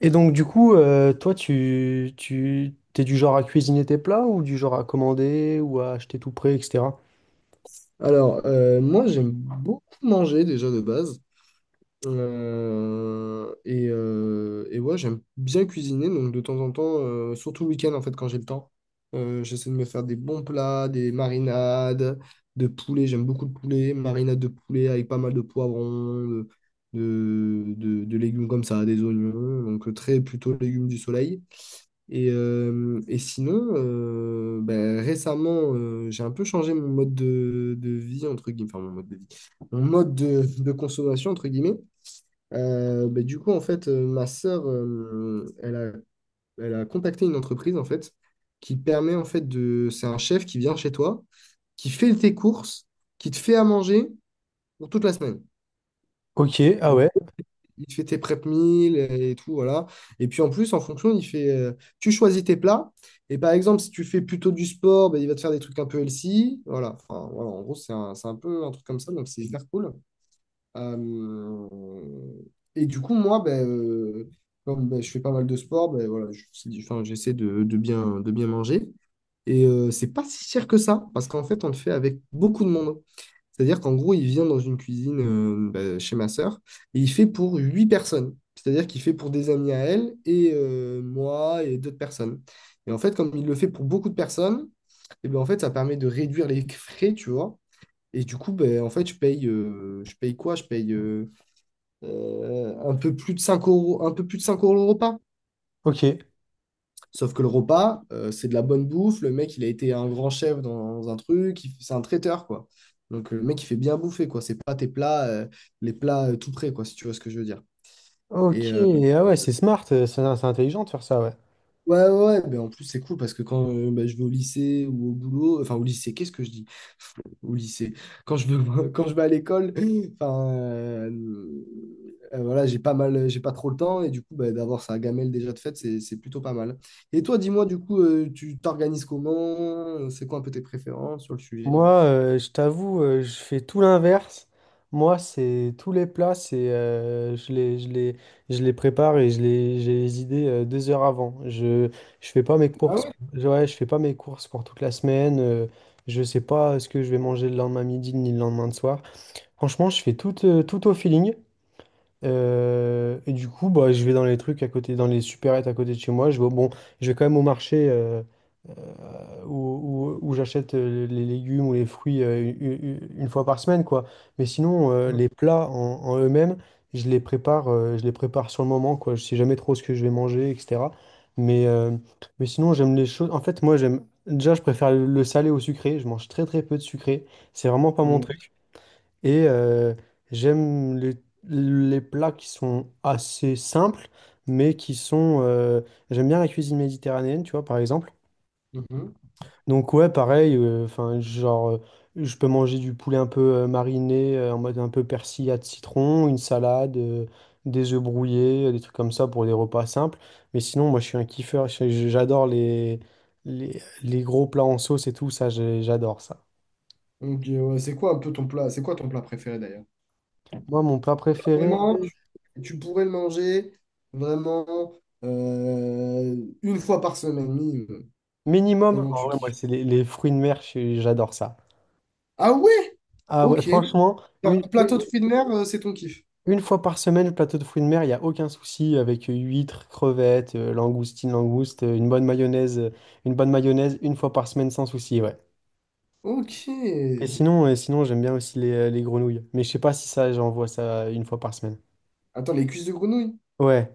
Et donc, du coup, toi, t'es du genre à cuisiner tes plats ou du genre à commander ou à acheter tout prêt, etc. Alors, moi, j'aime beaucoup manger déjà de base. Et ouais, j'aime bien cuisiner. Donc, de temps en temps, surtout le week-end, en fait, quand j'ai le temps, j'essaie de me faire des bons plats, des marinades de poulet. J'aime beaucoup le poulet. Marinade de poulet avec pas mal de poivrons, de légumes comme ça, des oignons. Donc, très plutôt légumes du soleil. Et sinon, ben, récemment, j'ai un peu changé mon mode de vie, entre guillemets, enfin mon mode de vie, mon mode de consommation, entre guillemets. Ben, du coup, en fait, ma sœur, elle a contacté une entreprise, en fait, qui permet, en fait, de... C'est un chef qui vient chez toi, qui fait tes courses, qui te fait à manger pour toute la semaine. Ok, ah ouais, Il te fait tes prep meals et tout, voilà. Et puis en plus, en fonction, il fait, tu choisis tes plats. Et par exemple, si tu fais plutôt du sport, ben, il va te faire des trucs un peu healthy. Voilà. Enfin, voilà, en gros, c'est un peu un truc comme ça, donc c'est hyper cool. Euh, et du coup, moi, ben, comme ben, je fais pas mal de sport, ben, voilà, enfin, j'essaie de bien manger. Et c'est pas si cher que ça, parce qu'en fait, on le fait avec beaucoup de monde. C'est-à-dire qu'en gros, il vient dans une cuisine, bah, chez ma sœur et il fait pour huit personnes. C'est-à-dire qu'il fait pour des amis à elle et moi et d'autres personnes. Et en fait, comme il le fait pour beaucoup de personnes, et ben en fait, ça permet de réduire les frais, tu vois. Et du coup, ben, en fait, je paye quoi? Je paye, un peu plus de 5 euros, un peu plus de 5 euros le repas. ok. Sauf que le repas, c'est de la bonne bouffe. Le mec, il a été un grand chef dans un truc. C'est un traiteur, quoi. Donc, le mec, il fait bien bouffer, quoi. C'est pas tes plats, les plats, tout prêts, quoi, si tu vois ce que je veux dire. Et Ok, euh, ah ouais, c'est smart, c'est intelligent de faire ça, ouais. ouais, ouais, ouais. Ben, en plus, c'est cool parce que quand, ben, je vais au lycée ou au boulot, enfin, au lycée, qu'est-ce que je dis? Au lycée. Quand je veux, quand je vais à l'école, enfin, voilà, j'ai pas trop le temps et du coup, bah, d'avoir sa gamelle déjà de fait, c'est plutôt pas mal. Et toi, dis-moi, du coup, tu t'organises comment? C'est quoi un peu tes préférences sur le sujet? Moi, je t'avoue, je fais tout l'inverse. Moi, c'est tous les plats, c'est je les prépare et je les, j'ai les idées 2 heures avant. Je fais pas mes Ah courses. ouais? Ouais, je fais pas mes courses pour toute la semaine. Je sais pas ce que je vais manger le lendemain midi ni le lendemain de soir. Franchement, je fais tout, tout au feeling. Et du coup, bah, je vais dans les trucs à côté, dans les supérettes à côté de chez moi. Je vais, bon, je vais quand même au marché où j'achète les légumes ou les fruits une, fois par semaine, quoi. Mais sinon, en eux-mêmes, je les prépare sur le moment, quoi. Je sais jamais trop ce que je vais manger, etc. Mais, euh, mais sinon, j'aime les choses. En fait, moi, j'aime. Déjà, je préfère le salé au sucré. Je mange très très peu de sucré. C'est vraiment pas mon Mhm. truc. Et j'aime les plats qui sont assez simples, mais qui sont j'aime bien la cuisine méditerranéenne, tu vois, par exemple. Mhm. Donc ouais, pareil, enfin, genre, je peux manger du poulet un peu mariné, en mode un peu persillade citron, une salade, des œufs brouillés, des trucs comme ça pour des repas simples. Mais sinon, moi, je suis un kiffeur, j'adore les gros plats en sauce et tout, ça, j'adore ça. Ok, ouais, c'est quoi un peu ton plat? C'est quoi ton plat préféré d'ailleurs? Moi, mon plat préféré... Vraiment, tu pourrais le manger vraiment, une fois par semaine minimum, Minimum, tellement en tu vrai, moi, kiffes. c'est les fruits de mer, j'adore ça. Ah ouais? Ah ouais, Ok. franchement, Genre, plateau de fruits de mer, c'est ton kiff. une fois par semaine, le plateau de fruits de mer, il n'y a aucun souci avec huîtres, crevettes, langoustines, langoustes, une bonne mayonnaise, une fois par semaine sans souci, ouais. Ok. Et sinon j'aime bien aussi les grenouilles. Mais je sais pas si ça, j'en vois ça une fois par semaine. Attends, les cuisses de grenouille? Ouais.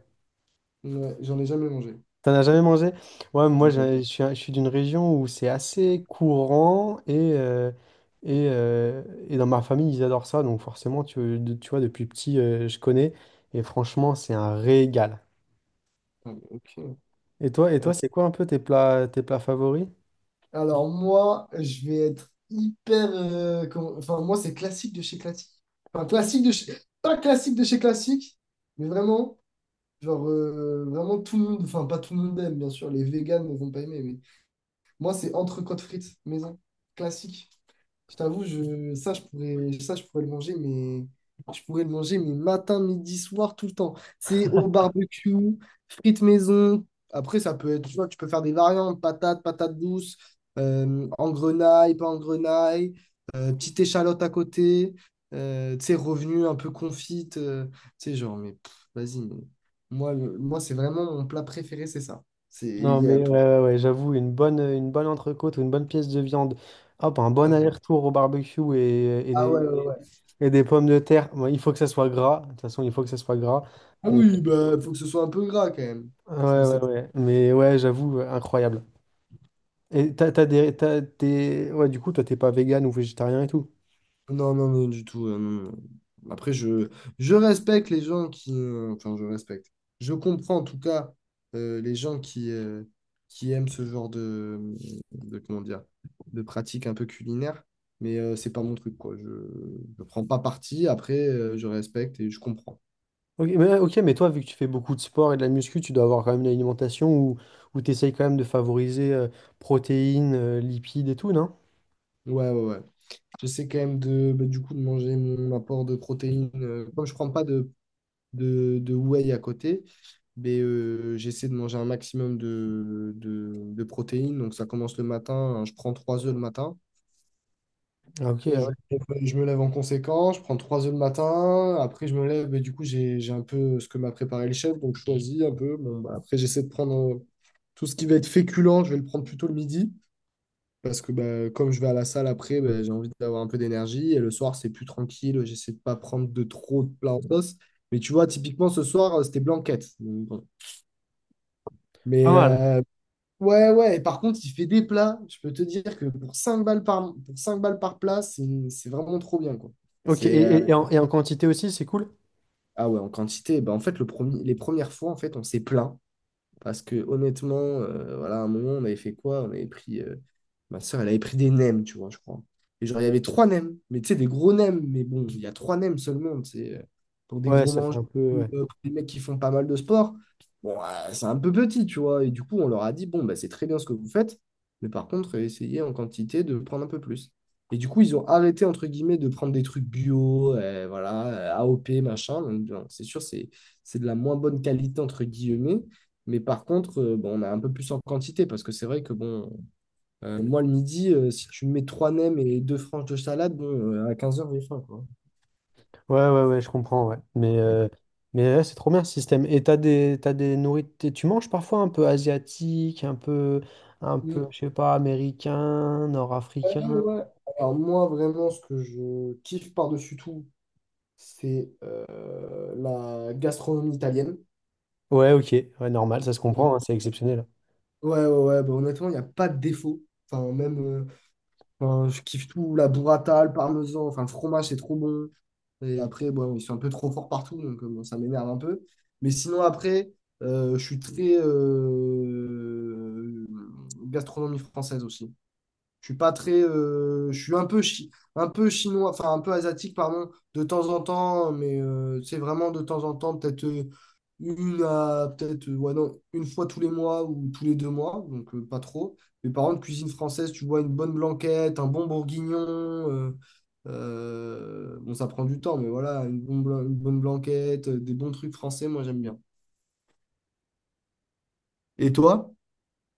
Ouais, j'en ai jamais mangé. T'en as jamais mangé? Ouais, moi Ok. Je suis d'une région où c'est assez courant et, et, euh, et dans ma famille ils adorent ça, donc forcément tu vois depuis petit je connais et franchement c'est un régal. Ah, mais ok. Et toi Euh, c'est quoi un peu tes plats favoris? Alors, moi, je vais être enfin, moi, c'est classique de chez classique. Enfin, classique de chez. Pas classique de chez classique, mais vraiment, genre, vraiment tout le monde. Enfin, pas tout le monde aime, bien sûr. Les véganes ne vont pas aimer, mais moi, c'est entrecôte frites maison. Classique. Je t'avoue, ça, je pourrais le manger, mais je pourrais le manger, mais matin, midi, soir, tout le temps. C'est au barbecue, frites maison. Après, ça peut être, tu vois, tu peux faire des variantes, patates, patates douces, en grenaille, pas en grenaille, petite échalote à côté, tu sais, revenu un peu confite, tu sais, genre, mais pff, vas-y, mais moi, moi c'est vraiment mon plat préféré, c'est ça. C'est, il Non y a- mais ouais, ouais, ouais, j'avoue une bonne entrecôte ou une bonne pièce de viande, hop un bon euh, aller-retour au barbecue Ah ouais, ouais, ouais. et des pommes de terre. Moi, il faut que ça soit gras. De toute façon, il faut que ça soit gras. Ah oui, bah, faut que ce soit un peu gras quand même. Ouais, Sinon, c'est ouais, ouais. Mais ouais, j'avoue, incroyable. Et t'es... Ouais, du coup, toi, t'es pas vegan ou végétarien et tout. Non, non, non, du tout. Non, non. Après, je respecte les gens qui, enfin, je respecte. Je comprends en tout cas, les gens qui aiment ce genre comment dire, de pratique un peu culinaire, mais c'est pas mon truc, quoi. Je ne prends pas parti. Après, je respecte et je comprends. Ok, mais toi, vu que tu fais beaucoup de sport et de la muscu, tu dois avoir quand même une alimentation où tu essayes quand même de favoriser protéines, lipides et tout, non? Ouais, ouais, ouais. J'essaie quand même bah, du coup, de manger mon apport de protéines. Comme je prends pas de whey à côté. Mais j'essaie de manger un maximum de protéines. Donc ça commence le matin, hein. Je prends trois œufs le matin. Ah, ok, ah Je, ouais, je me lève en conséquence. Je prends trois œufs le matin. Après, je me lève. Et du coup, j'ai un peu ce que m'a préparé le chef. Donc je choisis un peu. Bon, bah, après, j'essaie de prendre, tout ce qui va être féculent. Je vais le prendre plutôt le midi. Parce que bah, comme je vais à la salle après, bah, j'ai envie d'avoir un peu d'énergie. Et le soir, c'est plus tranquille. J'essaie de pas prendre de trop de plats en sauce. Mais tu vois, typiquement, ce soir, c'était blanquette. Donc, bon. pas Mais mal. euh, ouais, ouais. Et par contre, il fait des plats. Je peux te dire que pour 5 balles par plat, c'est vraiment trop bien, quoi. Ok, C'est, euh, et en quantité aussi, c'est cool? Ah ouais, en quantité. Bah, en fait, les premières fois, en fait, on s'est plaint. Parce que honnêtement, voilà, à un moment, on avait fait quoi? On avait pris. Ma soeur, elle avait pris des nems, tu vois, je crois. Et genre, il y avait trois nems, mais tu sais, des gros nems. Mais bon, il y a trois nems seulement, tu sais, pour des Ouais, gros ça fait mangeurs, un ou, peu... ouais. Pour des mecs qui font pas mal de sport. Bon, c'est un peu petit, tu vois. Et du coup, on leur a dit, bon, bah, c'est très bien ce que vous faites, mais par contre, essayez en quantité de prendre un peu plus. Et du coup, ils ont arrêté, entre guillemets, de prendre des trucs bio, voilà, AOP, machin. Donc, non, c'est sûr, c'est de la moins bonne qualité, entre guillemets. Mais par contre, bon, on a un peu plus en quantité parce que c'est vrai que bon, moi le midi, si tu me mets trois nems et deux franges de salade, bon, à 15h, j'ai faim, quoi. Ouais, ouais, ouais, je comprends, ouais. Mais ouais, c'est trop bien ce système. Et t'as des nourritures. Tu manges parfois un peu asiatique, un peu, Mais, je sais pas, américain, ah nord-africain. ouais. Alors moi, vraiment, ce que je kiffe par-dessus tout, c'est, la gastronomie italienne. Ouais, ok, ouais, normal, ça se Mm. comprend, hein, c'est exceptionnel. Ouais, ouais, ouais, bah, honnêtement, il n'y a pas de défaut. Enfin, même, euh, Enfin, je kiffe tout, la burrata, le parmesan, enfin le fromage c'est trop bon. Et après, bon, ils sont un peu trop forts partout, donc bon, ça m'énerve un peu. Mais sinon après, je suis très, gastronomie française aussi. Je suis pas très. Je suis un peu, un peu chinois, enfin un peu asiatique, pardon, de temps en temps, mais c'est vraiment de temps en temps, peut-être, peut-être, ouais, non, une fois tous les mois ou tous les 2 mois, donc pas trop. Mais par contre, cuisine française, tu vois, une bonne blanquette, un bon bourguignon. euh, bon, ça prend du temps, mais voilà, une bonne blanquette, des bons trucs français, moi j'aime bien. Et toi?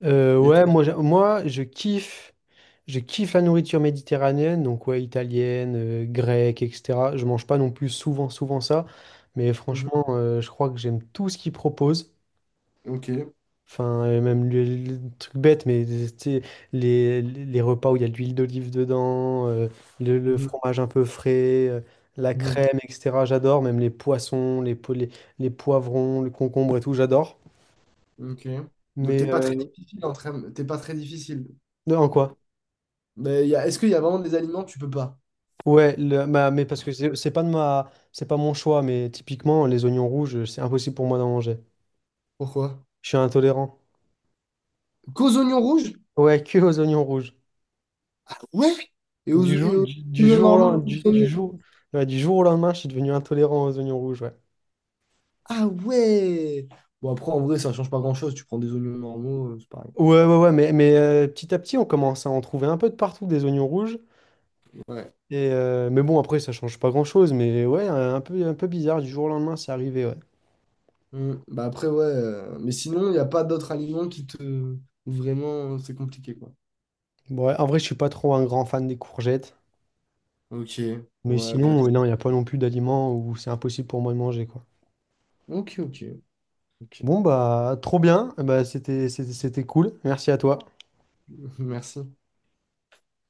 Et Ouais, toi? moi, moi, je kiffe la nourriture méditerranéenne, donc ouais, italienne, grecque, etc. Je mange pas non plus souvent, souvent ça, mais Mhm. franchement, je crois que j'aime tout ce qu'ils proposent. Ok. Enfin, même le truc bête, mais tu sais, les repas où il y a de l'huile d'olive dedans, le Mhm. fromage un peu frais, la Mhm. crème, etc. J'adore, même les poissons, les poivrons, le concombre et tout, j'adore. Ok. Donc, Mais t'es pas très difficile. non, en quoi? Mais est-ce qu'il y a vraiment des aliments que tu peux pas? Ouais, mais parce que c'est pas de ma, c'est pas mon choix, mais typiquement, les oignons rouges, c'est impossible pour moi d'en manger. Pourquoi? Je suis intolérant. Qu'aux oignons rouges? Ouais, que aux oignons rouges. Ouais. Et aux, et aux Du oignons jour au lendemain, normaux? Ouais, du jour au lendemain, je suis devenu intolérant aux oignons rouges, ouais. Ah ouais! Bon, après, en vrai, ça change pas grand-chose. Tu prends des oignons normaux, c'est pareil. Ouais, ouais, ouais, mais petit à petit, on commence à en trouver un peu de partout des oignons rouges. Ouais. Et, mais bon, après, ça change pas grand-chose. Mais ouais, un peu bizarre, du jour au lendemain, c'est arrivé, ouais. Mm. Bah, après, ouais. Mais sinon, il n'y a pas d'autres aliments qui te... Vraiment, c'est compliqué, quoi. Bon, ouais, en vrai, je suis pas trop un grand fan des courgettes. Ok. Mais Ouais, sinon, classe. non, il n'y a pas non plus d'aliments où c'est impossible pour moi de manger, quoi. Ok, ok. Ok. Bon, bah, trop bien. Bah, c'était cool. Merci à toi. Merci.